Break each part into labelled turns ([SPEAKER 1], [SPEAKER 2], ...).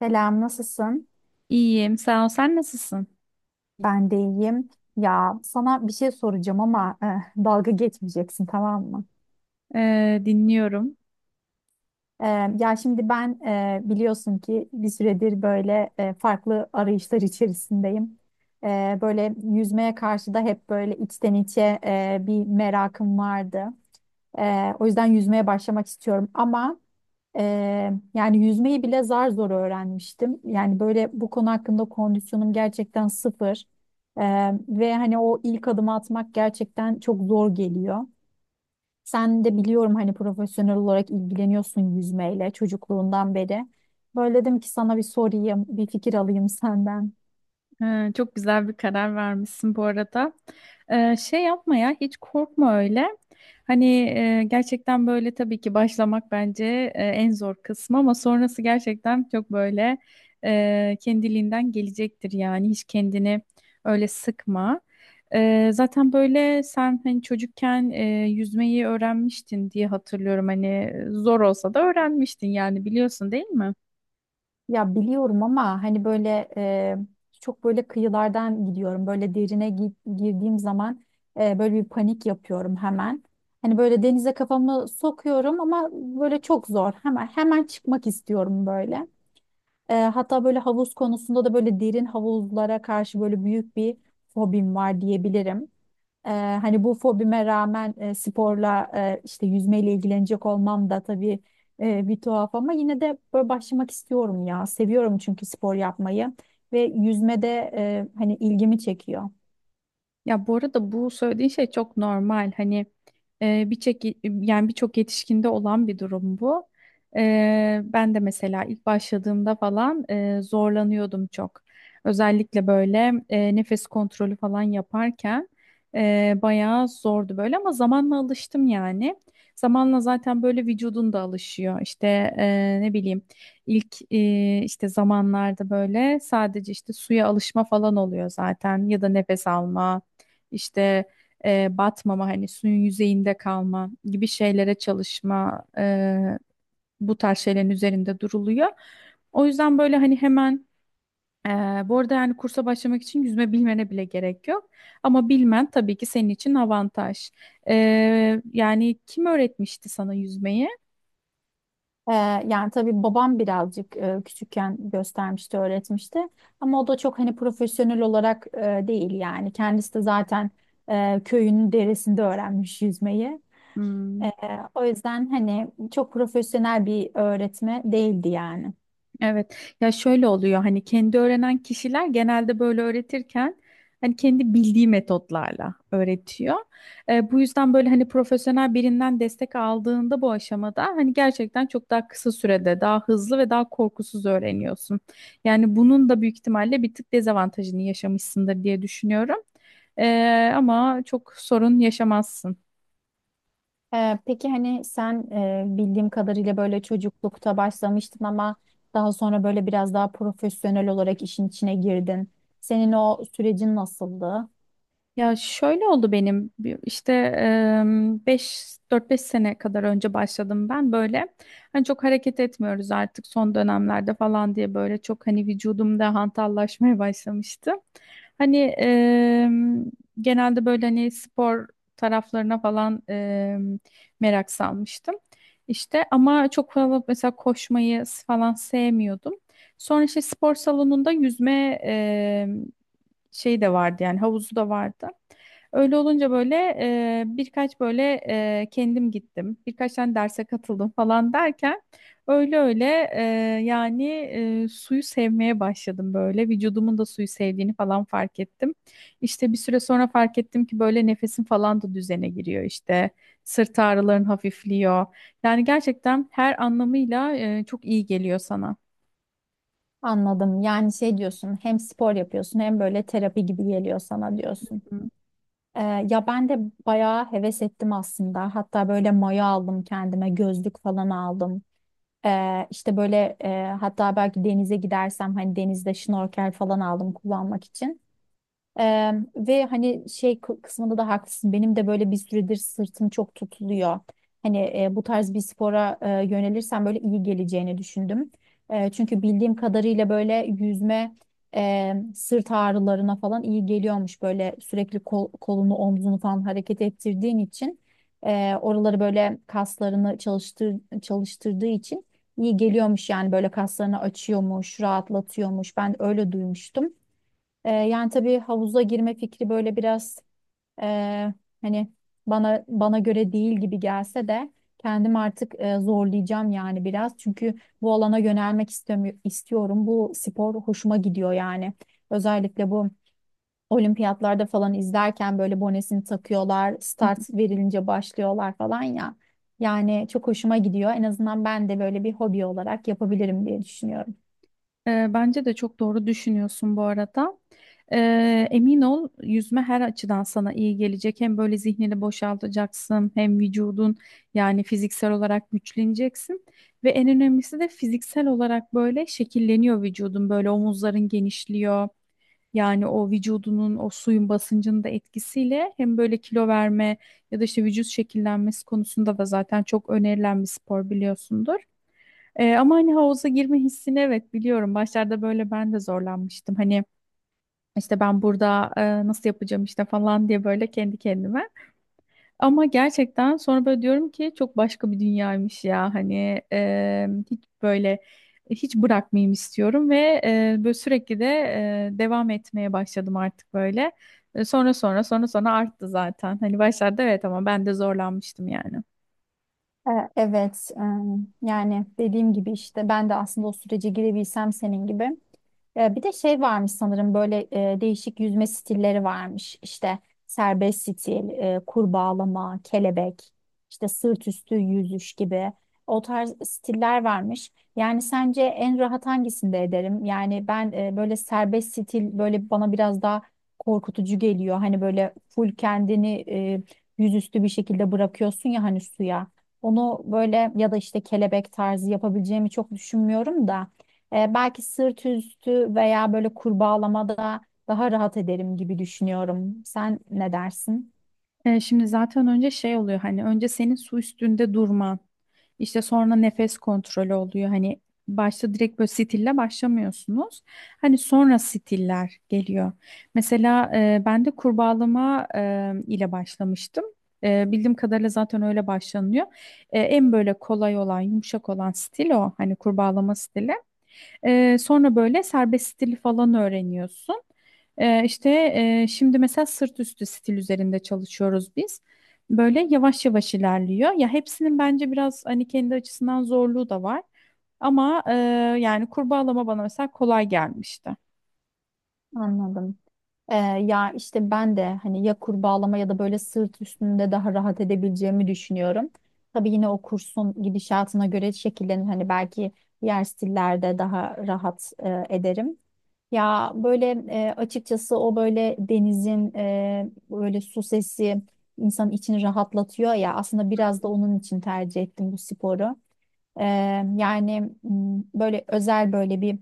[SPEAKER 1] Selam, nasılsın?
[SPEAKER 2] İyiyim, sağ ol. Sen nasılsın?
[SPEAKER 1] Ben de iyiyim. Ya sana bir şey soracağım ama dalga geçmeyeceksin tamam mı?
[SPEAKER 2] Dinliyorum.
[SPEAKER 1] Ya şimdi ben biliyorsun ki bir süredir böyle farklı arayışlar içerisindeyim. Böyle yüzmeye karşı da hep böyle içten içe bir merakım vardı. O yüzden yüzmeye başlamak istiyorum ama. Yani yüzmeyi bile zar zor öğrenmiştim. Yani böyle bu konu hakkında kondisyonum gerçekten sıfır. Ee, ve hani o ilk adımı atmak gerçekten çok zor geliyor. Sen de biliyorum hani profesyonel olarak ilgileniyorsun yüzmeyle çocukluğundan beri. Böyle dedim ki sana bir sorayım, bir fikir alayım senden.
[SPEAKER 2] Çok güzel bir karar vermişsin bu arada. Şey yapma ya, hiç korkma öyle. Hani gerçekten böyle tabii ki başlamak bence en zor kısmı, ama sonrası gerçekten çok böyle kendiliğinden gelecektir yani. Hiç kendini öyle sıkma. Zaten böyle sen hani çocukken yüzmeyi öğrenmiştin diye hatırlıyorum. Hani zor olsa da öğrenmiştin yani, biliyorsun değil mi?
[SPEAKER 1] Ya biliyorum ama hani böyle çok böyle kıyılardan gidiyorum. Böyle derine girdiğim zaman böyle bir panik yapıyorum hemen. Hani böyle denize kafamı sokuyorum ama böyle çok zor. Hemen hemen çıkmak istiyorum böyle. Hatta böyle havuz konusunda da böyle derin havuzlara karşı böyle büyük bir fobim var diyebilirim. Ee, hani bu fobime rağmen sporla işte yüzmeyle ilgilenecek olmam da tabii bir tuhaf ama yine de böyle başlamak istiyorum ya. Seviyorum çünkü spor yapmayı ve yüzmede hani ilgimi çekiyor.
[SPEAKER 2] Ya bu arada bu söylediğin şey çok normal. Hani e, birçok birçok yetişkinde olan bir durum bu. Ben de mesela ilk başladığımda falan zorlanıyordum çok. Özellikle böyle nefes kontrolü falan yaparken bayağı zordu böyle, ama zamanla alıştım yani. Zamanla zaten böyle vücudun da alışıyor. İşte ne bileyim, ilk işte zamanlarda böyle sadece işte suya alışma falan oluyor zaten, ya da nefes alma işte, batmama, hani suyun yüzeyinde kalma gibi şeylere çalışma, bu tarz şeylerin üzerinde duruluyor. O yüzden böyle hani hemen, e, bu arada yani kursa başlamak için yüzme bilmene bile gerek yok. Ama bilmen tabii ki senin için avantaj. E, yani kim öğretmişti sana yüzmeyi?
[SPEAKER 1] Ee, yani tabii babam birazcık küçükken göstermişti, öğretmişti. Ama o da çok hani profesyonel olarak değil yani. Kendisi de zaten köyünün deresinde öğrenmiş yüzmeyi. Ee,
[SPEAKER 2] Hmm.
[SPEAKER 1] o yüzden hani çok profesyonel bir öğretme değildi yani.
[SPEAKER 2] Evet. Ya şöyle oluyor, hani kendi öğrenen kişiler genelde böyle öğretirken hani kendi bildiği metotlarla öğretiyor. Bu yüzden böyle hani profesyonel birinden destek aldığında bu aşamada hani gerçekten çok daha kısa sürede, daha hızlı ve daha korkusuz öğreniyorsun. Yani bunun da büyük ihtimalle bir tık dezavantajını yaşamışsındır diye düşünüyorum. Ama çok sorun yaşamazsın.
[SPEAKER 1] Peki hani sen bildiğim kadarıyla böyle çocuklukta başlamıştın ama daha sonra böyle biraz daha profesyonel olarak işin içine girdin. Senin o sürecin nasıldı?
[SPEAKER 2] Ya şöyle oldu, benim işte 4-5 sene kadar önce başladım ben, böyle hani çok hareket etmiyoruz artık son dönemlerde falan diye böyle çok hani vücudumda hantallaşmaya başlamıştı. Hani genelde böyle hani spor taraflarına falan, merak salmıştım. İşte ama çok fazla mesela koşmayı falan sevmiyordum. Sonra işte spor salonunda yüzme şey de vardı, yani havuzu da vardı. Öyle olunca böyle birkaç böyle, kendim gittim. Birkaç tane derse katıldım falan derken, öyle öyle, e, yani, suyu sevmeye başladım böyle. Vücudumun da suyu sevdiğini falan fark ettim. İşte bir süre sonra fark ettim ki böyle nefesim falan da düzene giriyor işte. Sırt ağrıların hafifliyor. Yani gerçekten her anlamıyla çok iyi geliyor sana.
[SPEAKER 1] Anladım. Yani şey diyorsun, hem spor yapıyorsun hem böyle terapi gibi geliyor sana diyorsun.
[SPEAKER 2] Hı.
[SPEAKER 1] Ya ben de bayağı heves ettim aslında. Hatta böyle maya aldım kendime, gözlük falan aldım. İşte böyle hatta belki denize gidersem hani denizde şnorkel falan aldım kullanmak için. Ve hani şey kısmında da haklısın. Benim de böyle bir süredir sırtım çok tutuluyor. Hani bu tarz bir spora yönelirsem böyle iyi geleceğini düşündüm. Çünkü bildiğim kadarıyla böyle yüzme sırt ağrılarına falan iyi geliyormuş. Böyle sürekli kolunu omzunu falan hareket ettirdiğin için oraları böyle kaslarını çalıştırdığı için iyi geliyormuş yani böyle kaslarını açıyormuş, rahatlatıyormuş. Ben öyle duymuştum. Yani tabii havuza girme fikri böyle biraz e, hani bana göre değil gibi gelse de kendim artık zorlayacağım yani biraz. Çünkü bu alana yönelmek istiyorum. Bu spor hoşuma gidiyor yani. Özellikle bu olimpiyatlarda falan izlerken böyle bonesini takıyorlar, start verilince başlıyorlar falan ya. Yani çok hoşuma gidiyor. En azından ben de böyle bir hobi olarak yapabilirim diye düşünüyorum.
[SPEAKER 2] Bence de çok doğru düşünüyorsun bu arada. Emin ol, yüzme her açıdan sana iyi gelecek. Hem böyle zihnini boşaltacaksın, hem vücudun yani fiziksel olarak güçleneceksin. Ve en önemlisi de fiziksel olarak böyle şekilleniyor vücudun. Böyle omuzların genişliyor. Yani o vücudunun, o suyun basıncının da etkisiyle hem böyle kilo verme ya da işte vücut şekillenmesi konusunda da zaten çok önerilen bir spor, biliyorsundur. Ama hani havuza girme hissini, evet, biliyorum. Başlarda böyle ben de zorlanmıştım. Hani işte ben burada nasıl yapacağım işte falan diye böyle kendi kendime. Ama gerçekten sonra böyle diyorum ki çok başka bir dünyaymış ya hani, hiç böyle hiç bırakmayayım istiyorum ve böyle sürekli de devam etmeye başladım artık böyle. Sonra sonra sonra sonra arttı zaten. Hani başlarda evet, ama ben de zorlanmıştım yani.
[SPEAKER 1] Evet, yani dediğim gibi işte ben de aslında o sürece girebilsem senin gibi. Bir de şey varmış sanırım böyle değişik yüzme stilleri varmış. İşte serbest stil, kurbağalama, kelebek, işte sırt üstü yüzüş gibi o tarz stiller varmış. Yani sence en rahat hangisinde ederim? Yani ben böyle serbest stil böyle bana biraz daha korkutucu geliyor. Hani böyle full kendini yüzüstü bir şekilde bırakıyorsun ya hani suya. Onu böyle ya da işte kelebek tarzı yapabileceğimi çok düşünmüyorum da. Belki sırt üstü veya böyle kurbağalamada daha rahat ederim gibi düşünüyorum. Sen ne dersin?
[SPEAKER 2] Şimdi zaten önce şey oluyor, hani önce senin su üstünde durman, işte sonra nefes kontrolü oluyor, hani başta direkt böyle stille başlamıyorsunuz, hani sonra stiller geliyor. Mesela ben de kurbağalama ile başlamıştım. Bildiğim kadarıyla zaten öyle başlanıyor. En böyle kolay olan, yumuşak olan stil o, hani kurbağalama stili. Sonra böyle serbest stili falan öğreniyorsun. Ee, işte, şimdi mesela sırt üstü stil üzerinde çalışıyoruz biz. Böyle yavaş yavaş ilerliyor. Ya hepsinin bence biraz hani kendi açısından zorluğu da var. Ama yani kurbağalama bana mesela kolay gelmişti.
[SPEAKER 1] Anladım. Ya işte ben de hani ya kurbağalama ya da böyle sırt üstünde daha rahat edebileceğimi düşünüyorum. Tabii yine o kursun gidişatına göre şekillenir. Hani belki diğer stillerde daha rahat ederim. Ya böyle açıkçası o böyle denizin böyle su sesi insanın içini rahatlatıyor ya aslında biraz da onun için tercih ettim bu sporu. E, yani böyle özel böyle bir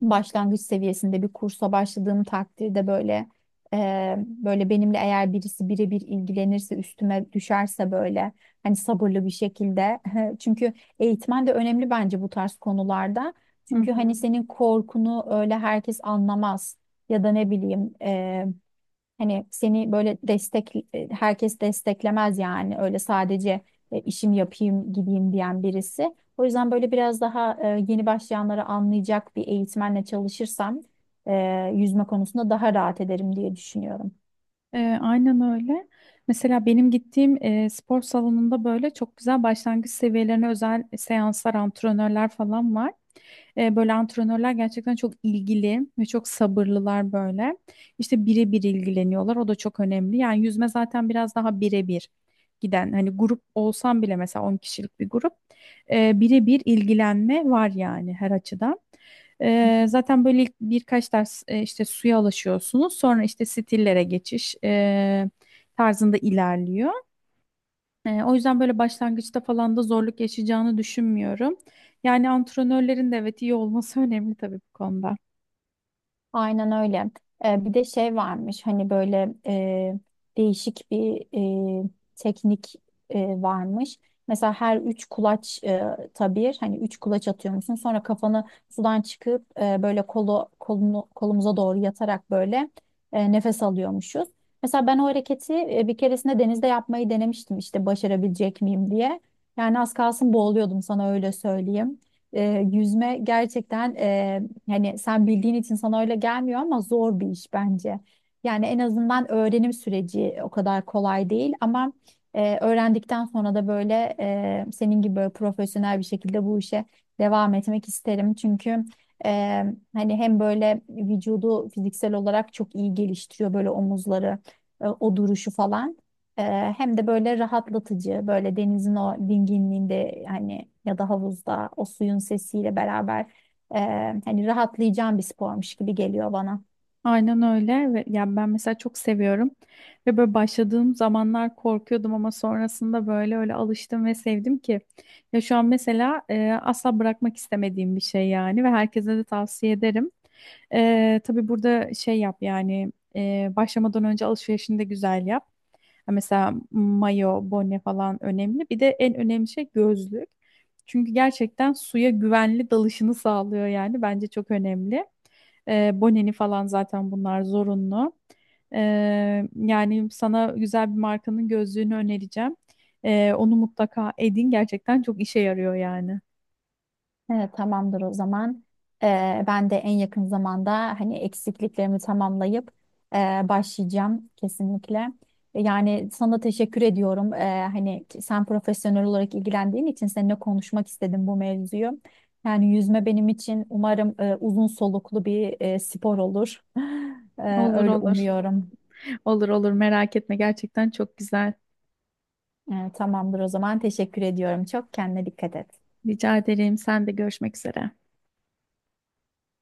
[SPEAKER 1] başlangıç seviyesinde bir kursa başladığım takdirde böyle böyle benimle eğer birisi birebir ilgilenirse üstüme düşerse böyle hani sabırlı bir şekilde çünkü eğitmen de önemli bence bu tarz konularda
[SPEAKER 2] Hı
[SPEAKER 1] çünkü hani
[SPEAKER 2] hı.
[SPEAKER 1] senin korkunu öyle herkes anlamaz ya da ne bileyim hani seni böyle herkes desteklemez yani öyle sadece işim yapayım gideyim diyen birisi. O yüzden böyle biraz daha yeni başlayanları anlayacak bir eğitmenle çalışırsam e, yüzme konusunda daha rahat ederim diye düşünüyorum.
[SPEAKER 2] Aynen öyle. Mesela benim gittiğim spor salonunda böyle çok güzel başlangıç seviyelerine özel seanslar, antrenörler falan var. Böyle antrenörler gerçekten çok ilgili ve çok sabırlılar böyle. İşte birebir ilgileniyorlar. O da çok önemli. Yani yüzme zaten biraz daha birebir giden. Hani grup olsam bile, mesela 10 kişilik bir grup. Birebir ilgilenme var yani, her açıdan. Zaten böyle ilk birkaç ders, işte suya alışıyorsunuz. Sonra işte stillere geçiş, tarzında ilerliyor. O yüzden böyle başlangıçta falan da zorluk yaşayacağını düşünmüyorum. Yani antrenörlerin de evet iyi olması önemli tabii bu konuda.
[SPEAKER 1] Aynen öyle. Bir de şey varmış hani böyle değişik bir e, teknik varmış. Mesela her üç kulaç e, tabir hani üç kulaç atıyor musun? Sonra kafanı sudan çıkıp böyle kolumuza doğru yatarak böyle nefes alıyormuşuz. Mesela ben o hareketi bir keresinde denizde yapmayı denemiştim işte başarabilecek miyim diye. Yani az kalsın boğuluyordum sana öyle söyleyeyim. E, yüzme gerçekten. Hani sen bildiğin için sana öyle gelmiyor ama zor bir iş bence. Yani en azından öğrenim süreci o kadar kolay değil ama öğrendikten sonra da böyle senin gibi böyle profesyonel bir şekilde bu işe devam etmek isterim. Çünkü e, hani hem böyle vücudu fiziksel olarak çok iyi geliştiriyor böyle omuzları, o duruşu falan. E, hem de böyle rahatlatıcı böyle denizin o dinginliğinde hani ya da havuzda o suyun sesiyle beraber hani rahatlayacağım bir spormuş gibi geliyor bana.
[SPEAKER 2] Aynen öyle. Ve yani ben mesela çok seviyorum, ve böyle başladığım zamanlar korkuyordum ama sonrasında böyle öyle alıştım ve sevdim ki, ya şu an mesela asla bırakmak istemediğim bir şey yani, ve herkese de tavsiye ederim. Tabii burada şey yap yani, başlamadan önce alışverişini de güzel yap. Ha, mesela mayo, bone falan önemli. Bir de en önemli şey gözlük. Çünkü gerçekten suya güvenli dalışını sağlıyor yani. Bence çok önemli. Boneni falan zaten, bunlar zorunlu. Ee, yani sana güzel bir markanın gözlüğünü önereceğim. Onu mutlaka edin. Gerçekten çok işe yarıyor yani.
[SPEAKER 1] Evet, tamamdır o zaman. Ben de en yakın zamanda hani eksikliklerimi tamamlayıp e, başlayacağım kesinlikle. Yani sana teşekkür ediyorum. Hani sen profesyonel olarak ilgilendiğin için seninle konuşmak istedim bu mevzuyu. Yani yüzme benim için umarım uzun soluklu bir spor olur. Ee,
[SPEAKER 2] Olur
[SPEAKER 1] öyle
[SPEAKER 2] olur.
[SPEAKER 1] umuyorum.
[SPEAKER 2] Olur olur, merak etme, gerçekten çok güzel.
[SPEAKER 1] Tamamdır o zaman. Teşekkür ediyorum. Çok kendine dikkat et.
[SPEAKER 2] Rica ederim. Sen de, görüşmek üzere.